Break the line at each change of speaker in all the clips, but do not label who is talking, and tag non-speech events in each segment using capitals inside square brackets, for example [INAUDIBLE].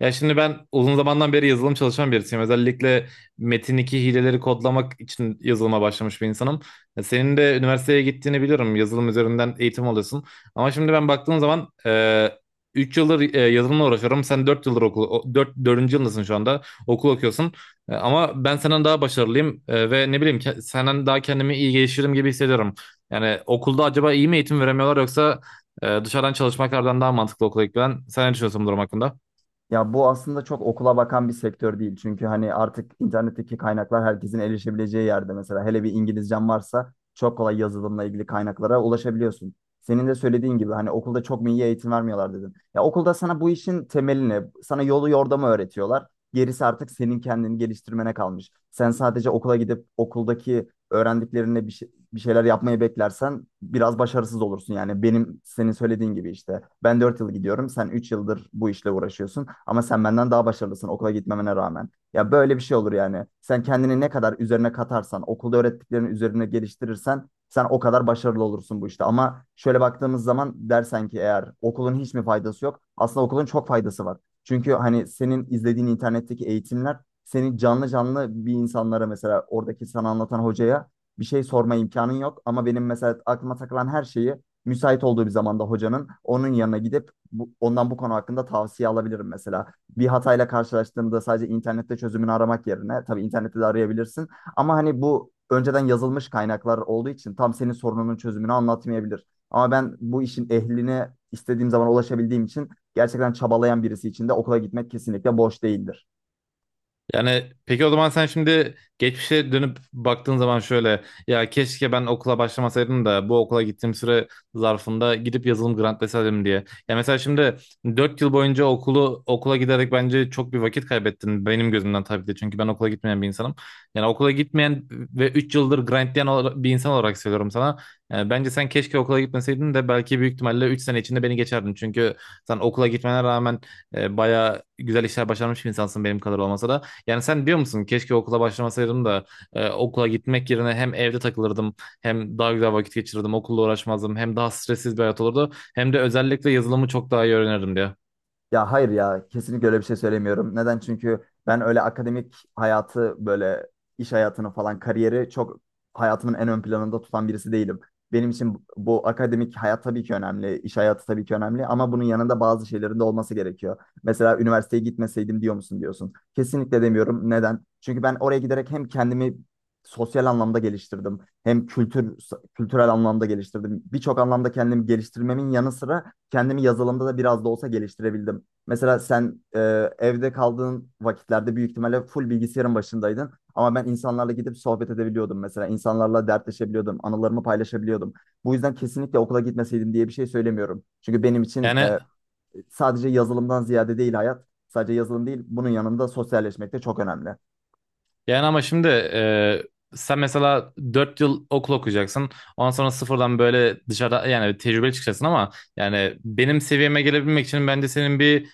Ya şimdi ben uzun zamandan beri yazılım çalışan birisiyim. Özellikle metin 2 hileleri kodlamak için yazılıma başlamış bir insanım. Ya senin de üniversiteye gittiğini biliyorum. Yazılım üzerinden eğitim alıyorsun. Ama şimdi ben baktığım zaman 3 yıldır yazılımla uğraşıyorum. Sen dört dördüncü yılındasın şu anda. Okul okuyorsun. Ama ben senden daha başarılıyım. Ve ne bileyim senden daha kendimi iyi geliştiririm gibi hissediyorum. Yani okulda acaba iyi mi eğitim veremiyorlar yoksa dışarıdan çalışmaklardan daha mantıklı okula gitmen? Sen ne düşünüyorsun bu durum hakkında?
Ya bu aslında çok okula bakan bir sektör değil. Çünkü hani artık internetteki kaynaklar herkesin erişebileceği yerde mesela. Hele bir İngilizcen varsa çok kolay yazılımla ilgili kaynaklara ulaşabiliyorsun. Senin de söylediğin gibi hani okulda çok mu iyi eğitim vermiyorlar dedin. Ya okulda sana bu işin temelini, sana yolu yordamı öğretiyorlar. Gerisi artık senin kendini geliştirmene kalmış. Sen sadece okula gidip okuldaki öğrendiklerine bir şeyler yapmayı beklersen biraz başarısız olursun. Yani benim senin söylediğin gibi işte ben 4 yıl gidiyorum, sen 3 yıldır bu işle uğraşıyorsun ama sen benden daha başarılısın okula gitmemene rağmen. Ya böyle bir şey olur yani. Sen kendini ne kadar üzerine katarsan, okulda öğrettiklerini üzerine geliştirirsen sen o kadar başarılı olursun bu işte. Ama şöyle baktığımız zaman dersen ki eğer okulun hiç mi faydası yok? Aslında okulun çok faydası var. Çünkü hani senin izlediğin internetteki eğitimler seni canlı canlı bir insanlara, mesela oradaki sana anlatan hocaya bir şey sorma imkanın yok. Ama benim mesela aklıma takılan her şeyi müsait olduğu bir zamanda hocanın onun yanına gidip bu, ondan bu konu hakkında tavsiye alabilirim mesela. Bir hatayla karşılaştığımda sadece internette çözümünü aramak yerine, tabii internette de arayabilirsin ama hani bu önceden yazılmış kaynaklar olduğu için tam senin sorununun çözümünü anlatmayabilir. Ama ben bu işin ehline istediğim zaman ulaşabildiğim için gerçekten çabalayan birisi için de okula gitmek kesinlikle boş değildir.
Yani peki o zaman sen şimdi geçmişe dönüp baktığın zaman şöyle ya keşke ben okula başlamasaydım da bu okula gittiğim süre zarfında gidip yazılım grantleseydim diye. Ya mesela şimdi 4 yıl boyunca okula giderek bence çok bir vakit kaybettin benim gözümden tabii de, çünkü ben okula gitmeyen bir insanım. Yani okula gitmeyen ve 3 yıldır grantlayan bir insan olarak söylüyorum sana. Yani bence sen keşke okula gitmeseydin de belki büyük ihtimalle 3 sene içinde beni geçerdin. Çünkü sen okula gitmene rağmen bayağı güzel işler başarmış bir insansın, benim kadar olmasa da. Yani sen diyor musun keşke okula başlamasaydım da okula gitmek yerine hem evde takılırdım hem daha güzel vakit geçirirdim okulla uğraşmazdım hem daha stressiz bir hayat olurdu hem de özellikle yazılımı çok daha iyi öğrenirdim diye.
Ya hayır, ya kesinlikle öyle bir şey söylemiyorum. Neden? Çünkü ben öyle akademik hayatı, böyle iş hayatını falan, kariyeri çok hayatımın en ön planında tutan birisi değilim. Benim için bu akademik hayat tabii ki önemli, iş hayatı tabii ki önemli ama bunun yanında bazı şeylerin de olması gerekiyor. Mesela üniversiteye gitmeseydim diyor musun diyorsun. Kesinlikle demiyorum. Neden? Çünkü ben oraya giderek hem kendimi sosyal anlamda geliştirdim, hem kültürel anlamda geliştirdim. Birçok anlamda kendimi geliştirmemin yanı sıra kendimi yazılımda da biraz da olsa geliştirebildim. Mesela sen, evde kaldığın vakitlerde büyük ihtimalle full bilgisayarın başındaydın. Ama ben insanlarla gidip sohbet edebiliyordum mesela. İnsanlarla dertleşebiliyordum, anılarımı paylaşabiliyordum. Bu yüzden kesinlikle okula gitmeseydim diye bir şey söylemiyorum. Çünkü benim için
Yani
sadece yazılımdan ziyade değil hayat, sadece yazılım değil, bunun yanında sosyalleşmek de çok önemli.
Yani ama şimdi sen mesela 4 yıl okul okuyacaksın. Ondan sonra sıfırdan böyle dışarıda yani tecrübeli çıkacaksın ama yani benim seviyeme gelebilmek için bence senin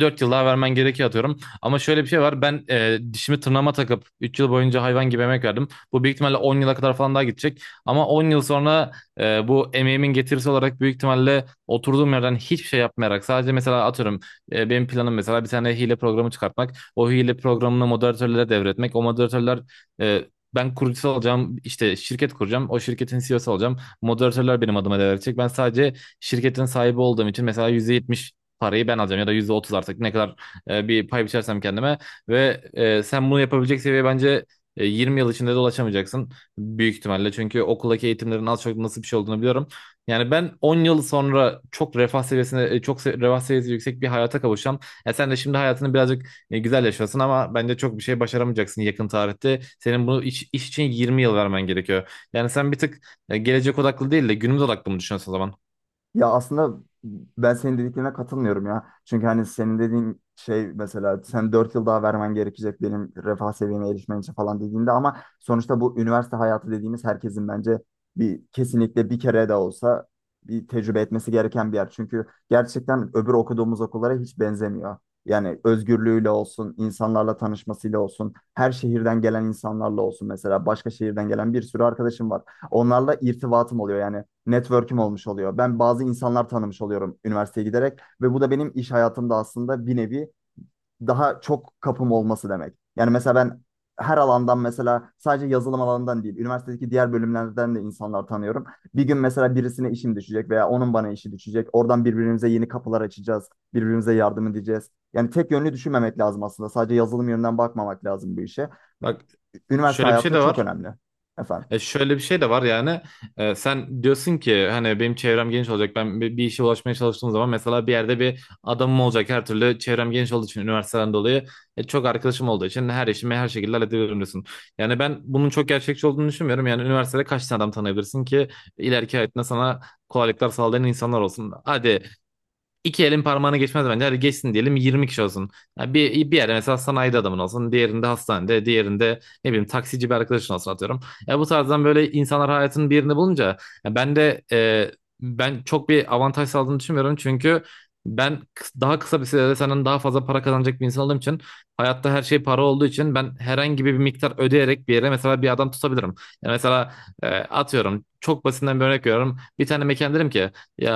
4 yıl daha vermen gerekiyor atıyorum. Ama şöyle bir şey var. Ben dişimi tırnağıma takıp 3 yıl boyunca hayvan gibi emek verdim. Bu büyük ihtimalle 10 yıla kadar falan daha gidecek. Ama 10 yıl sonra bu emeğimin getirisi olarak büyük ihtimalle oturduğum yerden hiçbir şey yapmayarak sadece mesela atıyorum benim planım mesela bir tane hile programı çıkartmak, o hile programını moderatörlere devretmek. O moderatörler e, ben kurucusu olacağım, işte şirket kuracağım, o şirketin CEO'su olacağım. Moderatörler benim adıma devredecek. Ben sadece şirketin sahibi olduğum için mesela %70 parayı ben alacağım ya da %30, artık ne kadar bir pay biçersem kendime. Ve sen bunu yapabilecek seviye bence 20 yıl içinde de ulaşamayacaksın büyük ihtimalle. Çünkü okuldaki eğitimlerin az çok nasıl bir şey olduğunu biliyorum. Yani ben 10 yıl sonra çok refah seviyesi yüksek bir hayata kavuşacağım. E sen de şimdi hayatını birazcık güzel yaşasın ama bence çok bir şey başaramayacaksın yakın tarihte. Senin bunu iş için 20 yıl vermen gerekiyor. Yani sen bir tık gelecek odaklı değil de günümüz odaklı mı düşünüyorsun o zaman?
Ya aslında ben senin dediklerine katılmıyorum ya. Çünkü hani senin dediğin şey, mesela sen 4 yıl daha vermen gerekecek benim refah seviyeme erişmen için falan dediğinde, ama sonuçta bu üniversite hayatı dediğimiz herkesin bence kesinlikle bir kere de olsa bir tecrübe etmesi gereken bir yer. Çünkü gerçekten öbür okuduğumuz okullara hiç benzemiyor. Yani özgürlüğüyle olsun, insanlarla tanışmasıyla olsun, her şehirden gelen insanlarla olsun, mesela başka şehirden gelen bir sürü arkadaşım var. Onlarla irtibatım oluyor, yani network'üm olmuş oluyor. Ben bazı insanlar tanımış oluyorum üniversiteye giderek ve bu da benim iş hayatımda aslında bir nevi daha çok kapım olması demek. Yani mesela ben her alandan, mesela sadece yazılım alanından değil, üniversitedeki diğer bölümlerden de insanlar tanıyorum. Bir gün mesela birisine işim düşecek veya onun bana işi düşecek. Oradan birbirimize yeni kapılar açacağız, birbirimize yardım edeceğiz. Yani tek yönlü düşünmemek lazım aslında. Sadece yazılım yönünden bakmamak lazım bu işe.
Bak
Üniversite
şöyle bir şey
hayatı
de
çok
var.
önemli efendim.
E şöyle bir şey de var yani Sen diyorsun ki hani benim çevrem geniş olacak, ben bir işe ulaşmaya çalıştığım zaman mesela bir yerde bir adamım olacak her türlü, çevrem geniş olduğu için üniversiteden dolayı çok arkadaşım olduğu için her işimi her şekilde halledebilirim diyorsun. Yani ben bunun çok gerçekçi olduğunu düşünmüyorum. Yani üniversitede kaç tane adam tanıyabilirsin ki ileriki hayatında sana kolaylıklar sağlayan insanlar olsun. İki elin parmağını geçmez bence. Hadi geçsin diyelim, 20 kişi olsun. Yani bir yerde mesela sanayide adamın olsun. Diğerinde hastanede. Diğerinde ne bileyim taksici bir arkadaşın olsun atıyorum. Ya bu tarzdan böyle insanlar hayatının bir yerini bulunca ya ben de e, ben çok bir avantaj sağladığını düşünmüyorum. Çünkü ben daha kısa bir sürede senden daha fazla para kazanacak bir insan olduğum için, hayatta her şey para olduğu için ben herhangi bir miktar ödeyerek bir yere mesela bir adam tutabilirim. Yani mesela atıyorum çok basitinden bir örnek veriyorum. Bir tane mekan derim ki ya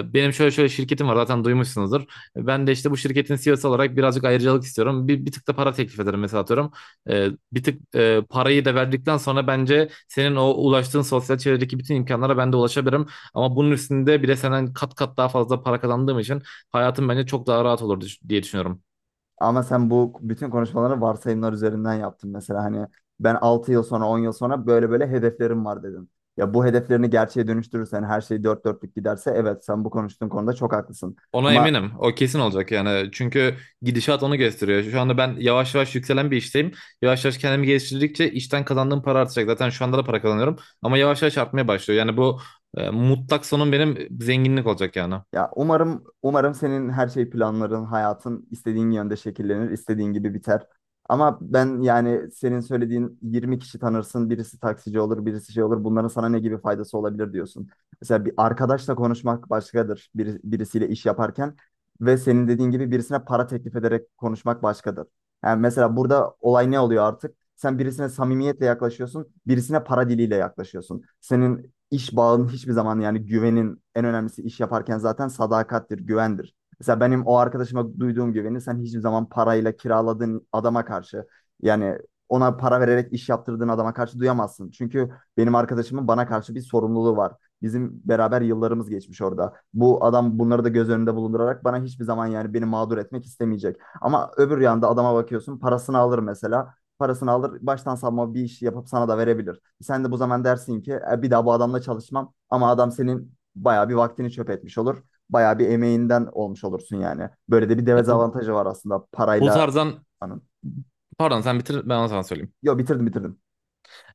benim şöyle şöyle şirketim var, zaten duymuşsunuzdur. Ben de işte bu şirketin CEO'su olarak birazcık ayrıcalık istiyorum. Bir tık da para teklif ederim mesela atıyorum. E, Bir tık parayı da verdikten sonra bence senin o ulaştığın sosyal çevredeki bütün imkanlara ben de ulaşabilirim. Ama bunun üstünde bir de senden kat kat daha fazla para kazandığım için hayatım bence çok daha rahat olur diye düşünüyorum.
Ama sen bu bütün konuşmaları varsayımlar üzerinden yaptın, mesela hani ben 6 yıl sonra, 10 yıl sonra böyle böyle hedeflerim var dedin. Ya bu hedeflerini gerçeğe dönüştürürsen, her şey dört dörtlük giderse evet, sen bu konuştuğun konuda çok haklısın.
Ona
Ama
eminim. O kesin olacak yani. Çünkü gidişat onu gösteriyor. Şu anda ben yavaş yavaş yükselen bir işteyim. Yavaş yavaş kendimi geliştirdikçe işten kazandığım para artacak. Zaten şu anda da para kazanıyorum. Ama yavaş yavaş artmaya başlıyor. Yani bu mutlak sonum benim zenginlik olacak yani.
Ya umarım umarım senin her şey planların, hayatın istediğin yönde şekillenir, istediğin gibi biter. Ama ben yani senin söylediğin 20 kişi tanırsın, birisi taksici olur, birisi şey olur. Bunların sana ne gibi faydası olabilir diyorsun. Mesela bir arkadaşla konuşmak başkadır, birisiyle iş yaparken ve senin dediğin gibi birisine para teklif ederek konuşmak başkadır. Yani mesela burada olay ne oluyor artık? Sen birisine samimiyetle yaklaşıyorsun, birisine para diliyle yaklaşıyorsun. Senin iş bağının hiçbir zaman, yani güvenin en önemlisi iş yaparken zaten sadakattir, güvendir. Mesela benim o arkadaşıma duyduğum güveni sen hiçbir zaman parayla kiraladığın adama karşı, yani ona para vererek iş yaptırdığın adama karşı duyamazsın. Çünkü benim arkadaşımın bana karşı bir sorumluluğu var. Bizim beraber yıllarımız geçmiş orada. Bu adam bunları da göz önünde bulundurarak bana hiçbir zaman, yani beni mağdur etmek istemeyecek. Ama öbür yanda adama bakıyorsun, parasını alır, baştan savma bir iş yapıp sana da verebilir. Sen de bu zaman dersin ki, "E, bir daha bu adamla çalışmam," ama adam senin bayağı bir vaktini çöp etmiş olur. Bayağı bir emeğinden olmuş olursun yani. Böyle de bir
Ya bu,
dezavantajı var aslında
bu
parayla.
tarzdan
Anın.
Pardon, sen bitir, ben onu sana söyleyeyim.
Yo, bitirdim.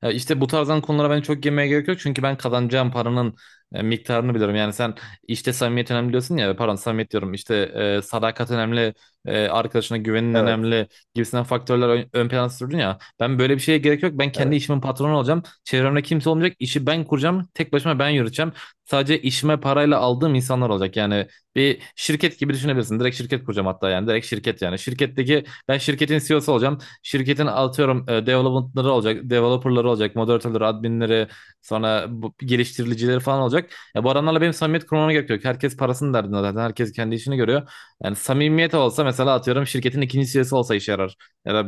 Ya İşte bu tarzdan konulara bence çok girmeye gerek yok. Çünkü ben kazanacağım paranın miktarını biliyorum. Yani sen işte samimiyet önemli diyorsun ya. Pardon, samimiyet diyorum. İşte sadakat önemli. Arkadaşına güvenin
Evet.
önemli. Gibisinden faktörler ön plana sürdün ya. Ben böyle bir şeye gerek yok. Ben kendi
Evet.
işimin patronu olacağım. Çevremde kimse olmayacak. İşi ben kuracağım. Tek başıma ben yürüteceğim. Sadece işime parayla aldığım insanlar olacak. Yani bir şirket gibi düşünebilirsin. Direkt şirket kuracağım hatta yani. Direkt şirket yani. Şirketteki, ben şirketin CEO'su olacağım, şirketin atıyorum development'ları olacak, developer'ları olacak, moderatörleri, adminleri, sonra geliştiricileri falan olacak. Ya bu adamlarla benim samimiyet kurmama gerek yok. Herkes parasının derdinde zaten. Herkes kendi işini görüyor. Yani samimiyet olsa mesela atıyorum şirketin ikinci CEO'su olsa işe yarar. Ya da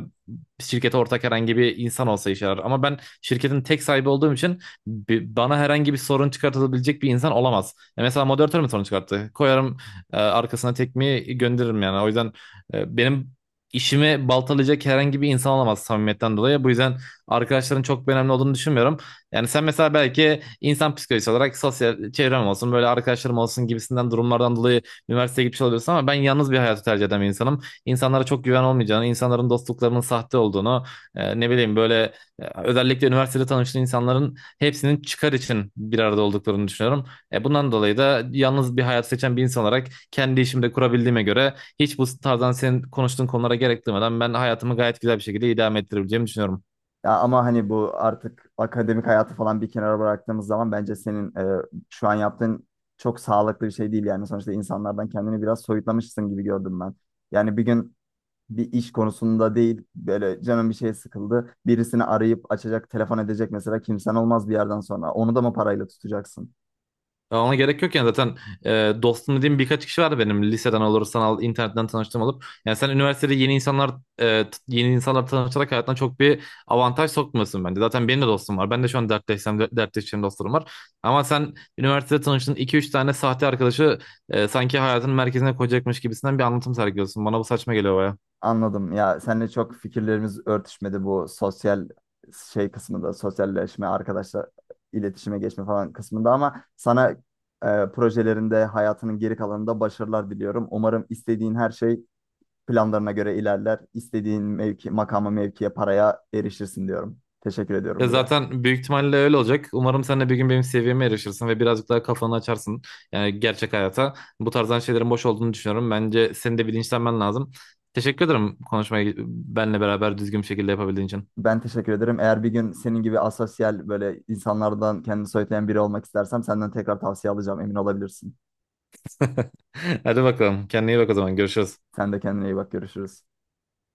şirkete ortak herhangi bir insan olsa işe yarar. Ama ben şirketin tek sahibi olduğum için bana herhangi bir sorun çıkartabilecek bir insan olamaz. Ya mesela moderatör mü sorun çıkarttı? Koyarım arkasına tekmeyi gönderirim yani. O yüzden benim işimi baltalayacak herhangi bir insan olamaz samimiyetten dolayı. Bu yüzden arkadaşların çok bir önemli olduğunu düşünmüyorum. Yani sen mesela belki insan psikolojisi olarak sosyal çevrem olsun, böyle arkadaşlarım olsun gibisinden durumlardan dolayı üniversiteye gitmiş oluyorsun, ama ben yalnız bir hayatı tercih eden bir insanım. İnsanlara çok güven olmayacağını, insanların dostluklarının sahte olduğunu, e, ne bileyim böyle e, özellikle üniversitede tanıştığın insanların hepsinin çıkar için bir arada olduklarını düşünüyorum. Bundan dolayı da yalnız bir hayat seçen bir insan olarak kendi işimde kurabildiğime göre, hiç bu tarzdan senin konuştuğun konulara gerek duymadan ben hayatımı gayet güzel bir şekilde idame ettirebileceğimi düşünüyorum.
Ya ama hani bu artık akademik hayatı falan bir kenara bıraktığımız zaman bence senin, şu an yaptığın çok sağlıklı bir şey değil yani. Sonuçta insanlardan kendini biraz soyutlamışsın gibi gördüm ben. Yani bir gün bir iş konusunda değil, böyle canım bir şey sıkıldı, birisini arayıp açacak, telefon edecek mesela kimsen olmaz bir yerden sonra. Onu da mı parayla tutacaksın?
Ya ona gerek yok yani. Zaten dostum dediğim birkaç kişi vardı benim, liseden olur, sanal internetten tanıştığım olup. Yani sen üniversitede yeni insanlar tanışarak hayatına çok bir avantaj sokmuyorsun bence. Zaten benim de dostum var. Ben de şu an dertleşsem dertleşeceğim dostlarım var. Ama sen üniversitede tanıştığın iki üç tane sahte arkadaşı sanki hayatın merkezine koyacakmış gibisinden bir anlatım sergiliyorsun. Bana bu saçma geliyor baya.
Anladım. Ya seninle çok fikirlerimiz örtüşmedi bu sosyal şey kısmında, sosyalleşme, arkadaşlar, iletişime geçme falan kısmında, ama sana projelerinde, hayatının geri kalanında başarılar diliyorum. Umarım istediğin her şey planlarına göre ilerler. İstediğin mevki, makama, mevkiye, paraya erişirsin diyorum. Teşekkür
Ya
ediyorum bir de.
zaten büyük ihtimalle öyle olacak. Umarım sen de bir gün benim seviyeme erişirsin ve birazcık daha kafanı açarsın. Yani gerçek hayata. Bu tarzdan şeylerin boş olduğunu düşünüyorum. Bence senin de bilinçlenmen lazım. Teşekkür ederim konuşmayı benle beraber düzgün bir şekilde yapabildiğin için.
Ben teşekkür ederim. Eğer bir gün senin gibi asosyal, böyle insanlardan kendini soyutlayan biri olmak istersem senden tekrar tavsiye alacağım. Emin olabilirsin.
[LAUGHS] Hadi bakalım. Kendine iyi bak o zaman. Görüşürüz.
Sen de kendine iyi bak. Görüşürüz.